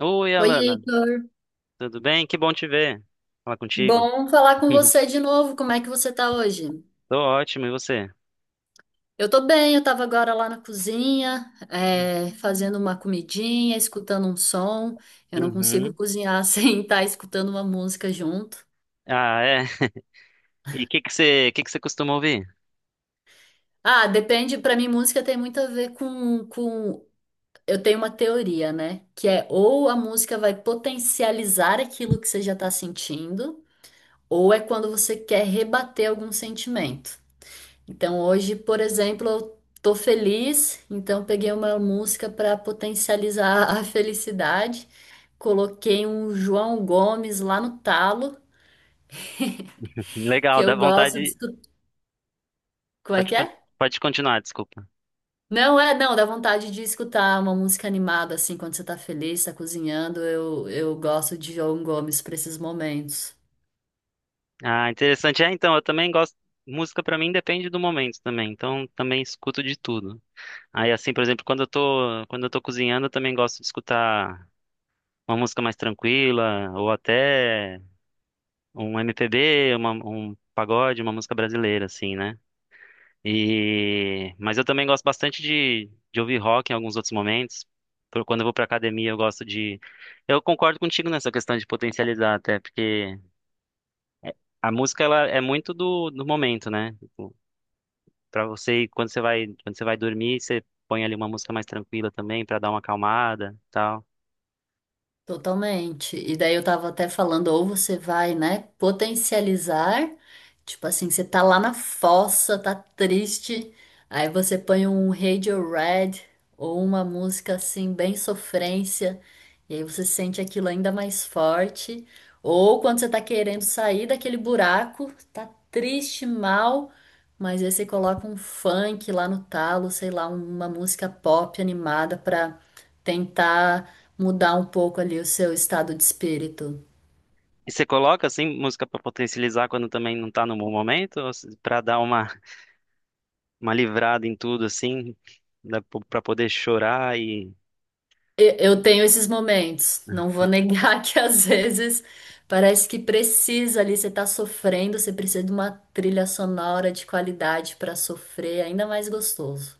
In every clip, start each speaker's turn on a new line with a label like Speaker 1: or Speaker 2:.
Speaker 1: Oi,
Speaker 2: Oi,
Speaker 1: Alana,
Speaker 2: Heitor.
Speaker 1: tudo bem? Que bom te ver. Falar contigo.
Speaker 2: Bom falar com você de novo. Como é que você tá hoje?
Speaker 1: Tô ótimo, e você?
Speaker 2: Eu tô bem, eu tava agora lá na cozinha, é, fazendo uma comidinha, escutando um som. Eu não consigo
Speaker 1: Uhum.
Speaker 2: cozinhar sem estar escutando uma música junto.
Speaker 1: Ah, é. E o que que você costuma ouvir?
Speaker 2: Ah, depende, pra mim música tem muito a ver com. Eu tenho uma teoria, né? Que é ou a música vai potencializar aquilo que você já tá sentindo, ou é quando você quer rebater algum sentimento. Então hoje, por exemplo, eu tô feliz, então peguei uma música para potencializar a felicidade. Coloquei um João Gomes lá no talo, que
Speaker 1: Legal, dá
Speaker 2: eu gosto de
Speaker 1: vontade.
Speaker 2: escutar. Como é
Speaker 1: Pode,
Speaker 2: que é?
Speaker 1: con- pode continuar, desculpa.
Speaker 2: Não é, não, dá vontade de escutar uma música animada assim quando você tá feliz, tá cozinhando. Eu gosto de João Gomes para esses momentos.
Speaker 1: Ah, interessante. É, então, eu também gosto. Música pra mim depende do momento também, então também escuto de tudo. Aí, assim, por exemplo, quando eu tô cozinhando, eu também gosto de escutar uma música mais tranquila, ou até um MPB, um pagode, uma música brasileira, assim, né? E mas eu também gosto bastante de ouvir rock em alguns outros momentos. Quando eu vou pra academia, eu gosto de. Eu concordo contigo nessa questão de potencializar, até porque a música ela é muito do momento, né? Tipo, quando você vai dormir, você põe ali uma música mais tranquila também pra dar uma acalmada, e tal.
Speaker 2: Totalmente. E daí eu tava até falando, ou você vai, né, potencializar, tipo assim, você tá lá na fossa, tá triste, aí você põe um Radiohead ou uma música assim bem sofrência, e aí você sente aquilo ainda mais forte. Ou quando você tá querendo sair daquele buraco, tá triste, mal, mas aí você coloca um funk lá no talo, sei lá, uma música pop animada pra tentar mudar um pouco ali o seu estado de espírito.
Speaker 1: E você coloca assim música pra potencializar quando também não tá no bom momento, ou pra dar uma livrada em tudo assim, dá pra poder chorar e
Speaker 2: Eu tenho esses momentos, não vou negar que às vezes parece que precisa ali, você tá sofrendo, você precisa de uma trilha sonora de qualidade para sofrer, ainda mais gostoso.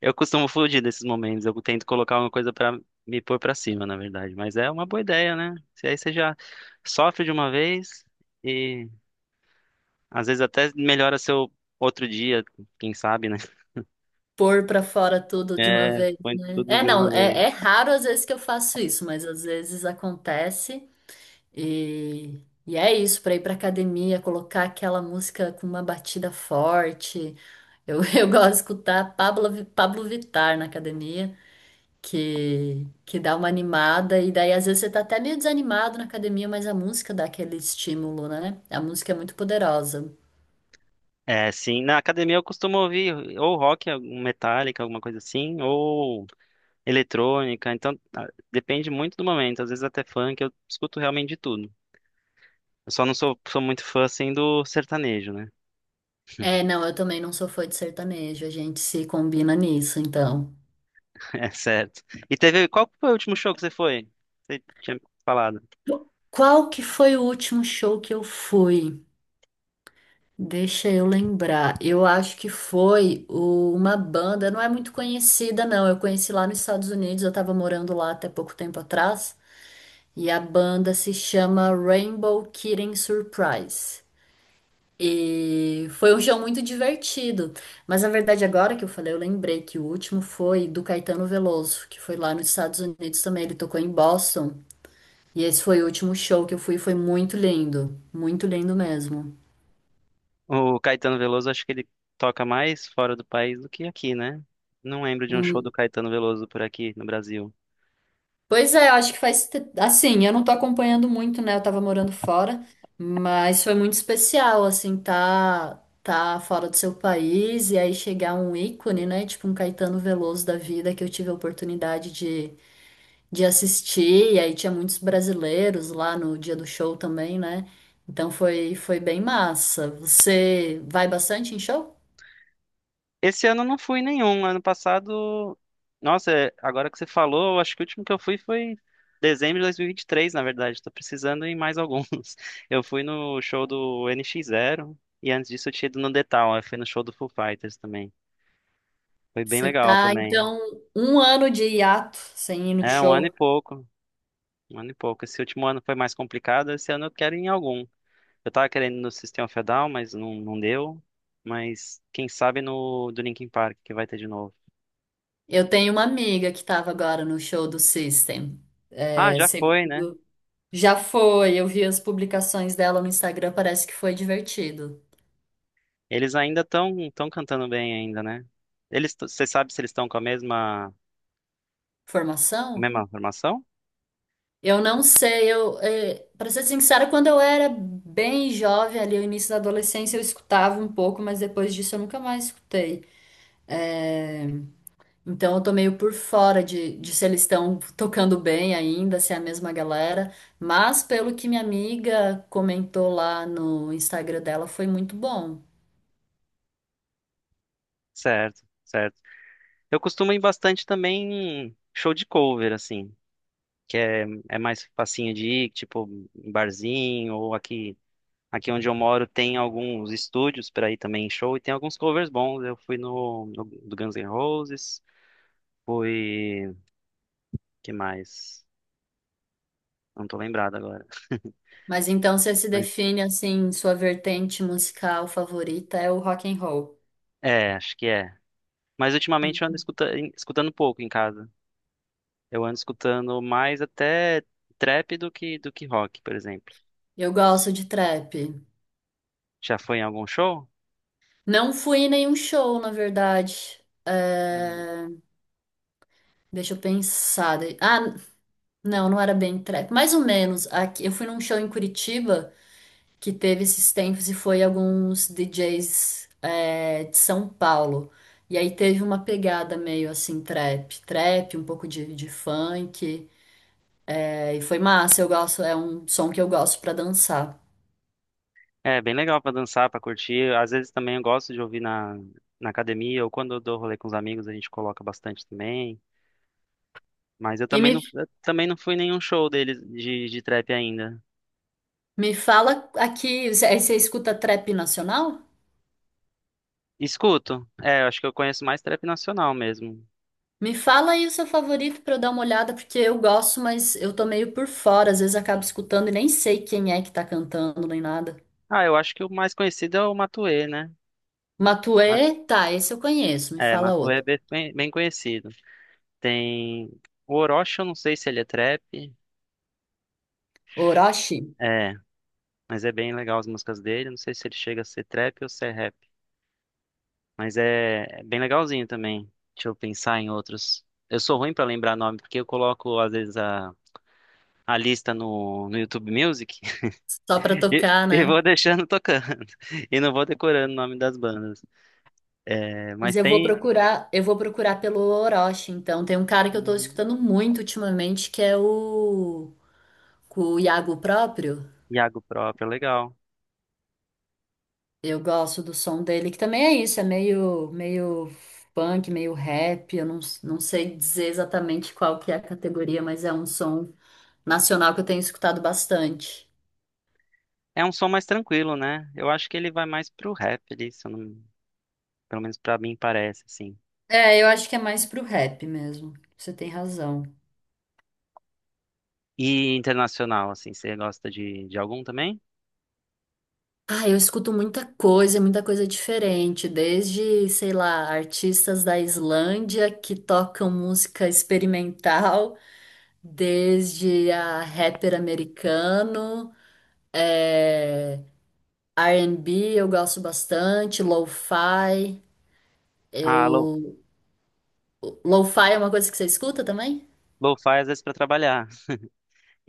Speaker 1: Eu costumo fugir desses momentos. Eu tento colocar uma coisa pra me pôr pra cima, na verdade. Mas é uma boa ideia, né? Se aí você já sofre de uma vez e às vezes até melhora seu outro dia, quem sabe, né?
Speaker 2: Pôr pra fora tudo de uma
Speaker 1: É,
Speaker 2: vez,
Speaker 1: põe
Speaker 2: né?
Speaker 1: tudo
Speaker 2: É,
Speaker 1: de
Speaker 2: não,
Speaker 1: uma vez.
Speaker 2: é raro às vezes que eu faço isso, mas às vezes acontece. E é isso, para ir para academia, colocar aquela música com uma batida forte. Eu, eu gosto de escutar Pablo Vittar na academia, que dá uma animada. E daí, às vezes, você tá até meio desanimado na academia, mas a música dá aquele estímulo, né? A música é muito poderosa.
Speaker 1: É, sim. Na academia eu costumo ouvir ou rock, algum Metallica, alguma coisa assim, ou eletrônica. Então, depende muito do momento. Às vezes até funk, eu escuto realmente de tudo. Eu só não sou muito fã, assim, do sertanejo, né?
Speaker 2: É, não, eu também não sou fã de sertanejo, a gente se combina nisso, então.
Speaker 1: É certo. E teve. Qual foi o último show que você foi? Você tinha falado.
Speaker 2: Qual que foi o último show que eu fui? Deixa eu lembrar. Eu acho que foi o- uma banda, não é muito conhecida, não. Eu conheci lá nos Estados Unidos, eu tava morando lá até pouco tempo atrás. E a banda se chama Rainbow Kitten Surprise. E foi um show muito divertido. Mas na verdade, agora que eu falei, eu lembrei que o último foi do Caetano Veloso, que foi lá nos Estados Unidos também. Ele tocou em Boston. E esse foi o último show que eu fui, foi muito lindo. Muito lindo mesmo.
Speaker 1: O Caetano Veloso, acho que ele toca mais fora do país do que aqui, né? Não lembro de um show do Caetano Veloso por aqui no Brasil.
Speaker 2: Pois é, eu acho que Assim, eu não tô acompanhando muito, né? Eu tava morando fora, mas foi muito especial, assim, tá, tá fora do seu país e aí chegar um ícone, né? Tipo um Caetano Veloso da vida que eu tive a oportunidade de assistir, e aí tinha muitos brasileiros lá no dia do show também, né? Então foi, foi bem massa. Você vai bastante em show?
Speaker 1: Esse ano eu não fui nenhum. Ano passado. Nossa, agora que você falou, eu acho que o último que eu fui foi dezembro de 2023, na verdade. Tô precisando ir em mais alguns. Eu fui no show do NX Zero e antes disso eu tinha ido no The Town. Eu fui no show do Foo Fighters também. Foi bem
Speaker 2: Você
Speaker 1: legal
Speaker 2: tá,
Speaker 1: também.
Speaker 2: então, um ano de hiato sem ir no
Speaker 1: É, um ano e
Speaker 2: show.
Speaker 1: pouco. Um ano e pouco. Esse último ano foi mais complicado, esse ano eu quero ir em algum. Eu tava querendo ir no sistema of mas não deu. Mas quem sabe no do Linkin Park, que vai ter de novo.
Speaker 2: Eu tenho uma amiga que estava agora no show do System.
Speaker 1: Ah,
Speaker 2: É,
Speaker 1: já
Speaker 2: seg-
Speaker 1: foi, né?
Speaker 2: Já foi, eu vi as publicações dela no Instagram, parece que foi divertido.
Speaker 1: Eles ainda estão tão cantando bem ainda, né? Eles, você sabe se eles estão com a mesma,
Speaker 2: Formação?
Speaker 1: mesma formação?
Speaker 2: Eu não sei, eu, é, para ser sincera, quando eu era bem jovem, ali no início da adolescência, eu escutava um pouco, mas depois disso eu nunca mais escutei. É, então eu tô meio por fora de se eles estão tocando bem ainda, se é a mesma galera. Mas pelo que minha amiga comentou lá no Instagram dela, foi muito bom.
Speaker 1: Certo, certo. Eu costumo ir bastante também em show de cover, assim, que é mais facinho de ir, tipo, em barzinho ou aqui onde eu moro tem alguns estúdios para ir também em show e tem alguns covers bons. Eu fui no do Guns N' Roses, fui, que mais? Não tô lembrado agora.
Speaker 2: Mas então você se
Speaker 1: Mas,
Speaker 2: define assim, sua vertente musical favorita é o rock and roll.
Speaker 1: é, acho que é. Mas ultimamente eu ando
Speaker 2: Hum.
Speaker 1: escutando pouco em casa. Eu ando escutando mais até trap do que rock, por exemplo.
Speaker 2: Eu gosto de trap.
Speaker 1: Já foi em algum show?
Speaker 2: Não fui em nenhum show, na verdade. É, deixa eu pensar. Ah, não, não era bem trap. Mais ou menos. Aqui... Eu fui num show em Curitiba que teve esses tempos e foi alguns DJs é, de São Paulo. E aí teve uma pegada meio assim, trap, trap, um pouco de funk. É, e foi massa, eu gosto, é um som que eu gosto pra dançar.
Speaker 1: É, bem legal para dançar, para curtir. Às vezes também eu gosto de ouvir na academia ou quando eu dou rolê com os amigos, a gente coloca bastante também. Mas eu
Speaker 2: E
Speaker 1: também
Speaker 2: me,
Speaker 1: não, eu também não fui em nenhum show deles de trap ainda.
Speaker 2: me fala aqui, você- aí você escuta trap nacional?
Speaker 1: Escuto. É, eu acho que eu conheço mais trap nacional mesmo.
Speaker 2: Me fala aí o seu favorito pra eu dar uma olhada, porque eu gosto, mas eu tô meio por fora, às vezes acabo escutando e nem sei quem é que tá cantando nem nada.
Speaker 1: Ah, eu acho que o mais conhecido é o Matuê, né? Ma-
Speaker 2: Matuê, tá, esse eu conheço, me
Speaker 1: É,
Speaker 2: fala
Speaker 1: Matuê é
Speaker 2: outro.
Speaker 1: bem bem conhecido. Tem o Orochi, eu não sei se ele é trap.
Speaker 2: Orochi,
Speaker 1: É, mas é bem legal as músicas dele. Não sei se ele chega a ser trap ou se é rap. Mas é bem legalzinho também. Deixa eu pensar em outros. Eu sou ruim pra lembrar nome, porque eu coloco, às vezes, a lista no YouTube Music.
Speaker 2: só pra
Speaker 1: E,
Speaker 2: tocar,
Speaker 1: e vou
Speaker 2: né?
Speaker 1: deixando tocando. E não vou decorando o nome das bandas. É,
Speaker 2: Mas
Speaker 1: mas tem
Speaker 2: eu vou procurar pelo Orochi, então. Tem um cara que eu tô
Speaker 1: Uhum.
Speaker 2: escutando muito ultimamente, que é o Iago próprio.
Speaker 1: Iago próprio, legal.
Speaker 2: Eu gosto do som dele, que também é isso, é meio funk, meio rap. Eu não sei dizer exatamente qual que é a categoria, mas é um som nacional que eu tenho escutado bastante.
Speaker 1: É um som mais tranquilo, né? Eu acho que ele vai mais pro rap ali, se eu não- pelo menos pra mim parece, assim.
Speaker 2: É, eu acho que é mais pro rap mesmo. Você tem razão.
Speaker 1: E internacional, assim, você gosta de algum também?
Speaker 2: Ah, eu escuto muita coisa diferente, desde, sei lá, artistas da Islândia que tocam música experimental, desde a rapper americano. É. R&B eu gosto bastante, lo-fi,
Speaker 1: Ah,
Speaker 2: eu... Lo-fi é uma coisa que você escuta também?
Speaker 1: lo-fi às vezes pra trabalhar.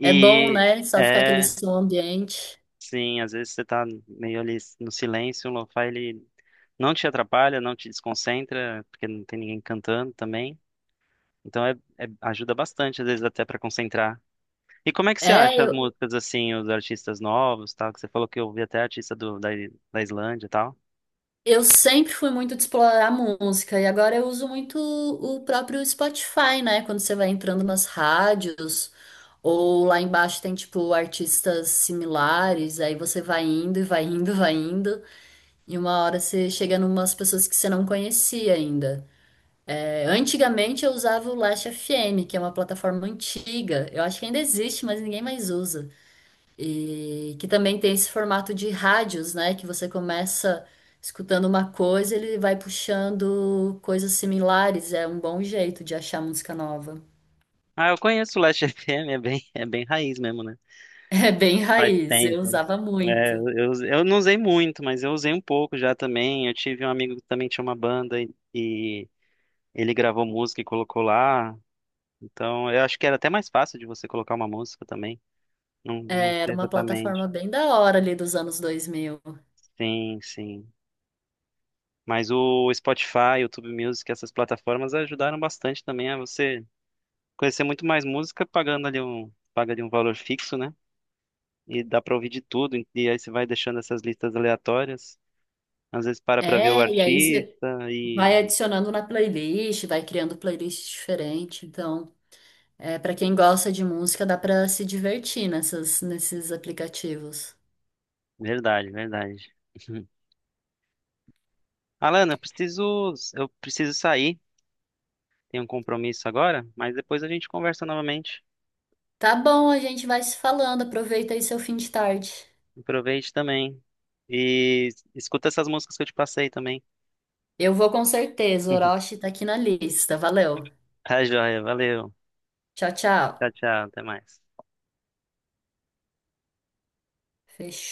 Speaker 2: É bom, né? Só ficar aquele
Speaker 1: é,
Speaker 2: som ambiente.
Speaker 1: sim, às vezes você tá meio ali no silêncio, o lo-fi ele não te atrapalha, não te desconcentra, porque não tem ninguém cantando também. Então ajuda bastante, às vezes, até pra concentrar. E como é que você
Speaker 2: É,
Speaker 1: acha as
Speaker 2: eu,
Speaker 1: músicas, assim, os artistas novos, tal? Que você falou que eu ouvi até artista da Islândia e tal.
Speaker 2: eu sempre fui muito de explorar música e agora eu uso muito o próprio Spotify, né? Quando você vai entrando nas rádios ou lá embaixo tem tipo artistas similares, aí você vai indo e vai indo, vai indo e uma hora você chega numas pessoas que você não conhecia ainda. Antigamente eu usava o Last FM, que é uma plataforma antiga. Eu acho que ainda existe, mas ninguém mais usa. E que também tem esse formato de rádios, né? Que você começa escutando uma coisa, ele vai puxando coisas similares. É um bom jeito de achar música nova.
Speaker 1: Ah, eu conheço o Last FM, é bem raiz mesmo, né?
Speaker 2: É bem
Speaker 1: Faz
Speaker 2: raiz, eu
Speaker 1: tempo.
Speaker 2: usava
Speaker 1: É,
Speaker 2: muito.
Speaker 1: eu não usei muito, mas eu usei um pouco já também. Eu tive um amigo que também tinha uma banda e ele gravou música e colocou lá. Então, eu acho que era até mais fácil de você colocar uma música também. Não, não
Speaker 2: É, era
Speaker 1: sei
Speaker 2: uma plataforma
Speaker 1: exatamente.
Speaker 2: bem da hora ali dos anos 2000.
Speaker 1: Sim, sim. Mas o Spotify, YouTube Music, essas plataformas ajudaram bastante também a você conhecer muito mais música, paga ali um valor fixo, né? E dá pra ouvir de tudo. E aí você vai deixando essas listas aleatórias. Às vezes para pra ver o
Speaker 2: É, e aí você
Speaker 1: artista
Speaker 2: vai
Speaker 1: e.
Speaker 2: adicionando na playlist, vai criando playlist diferente. Então, é, para quem gosta de música, dá para se divertir nessas, nesses aplicativos.
Speaker 1: Verdade, verdade. Alana, eu preciso sair. Tenho um compromisso agora, mas depois a gente conversa novamente.
Speaker 2: Tá bom, a gente vai se falando. Aproveita aí seu fim de tarde.
Speaker 1: Aproveite também. E escuta essas músicas que eu te passei também.
Speaker 2: Eu vou com certeza. O Orochi tá aqui na lista. Valeu.
Speaker 1: Tá joia, valeu.
Speaker 2: Tchau, tchau.
Speaker 1: Tchau, tchau, até mais.
Speaker 2: Fechou.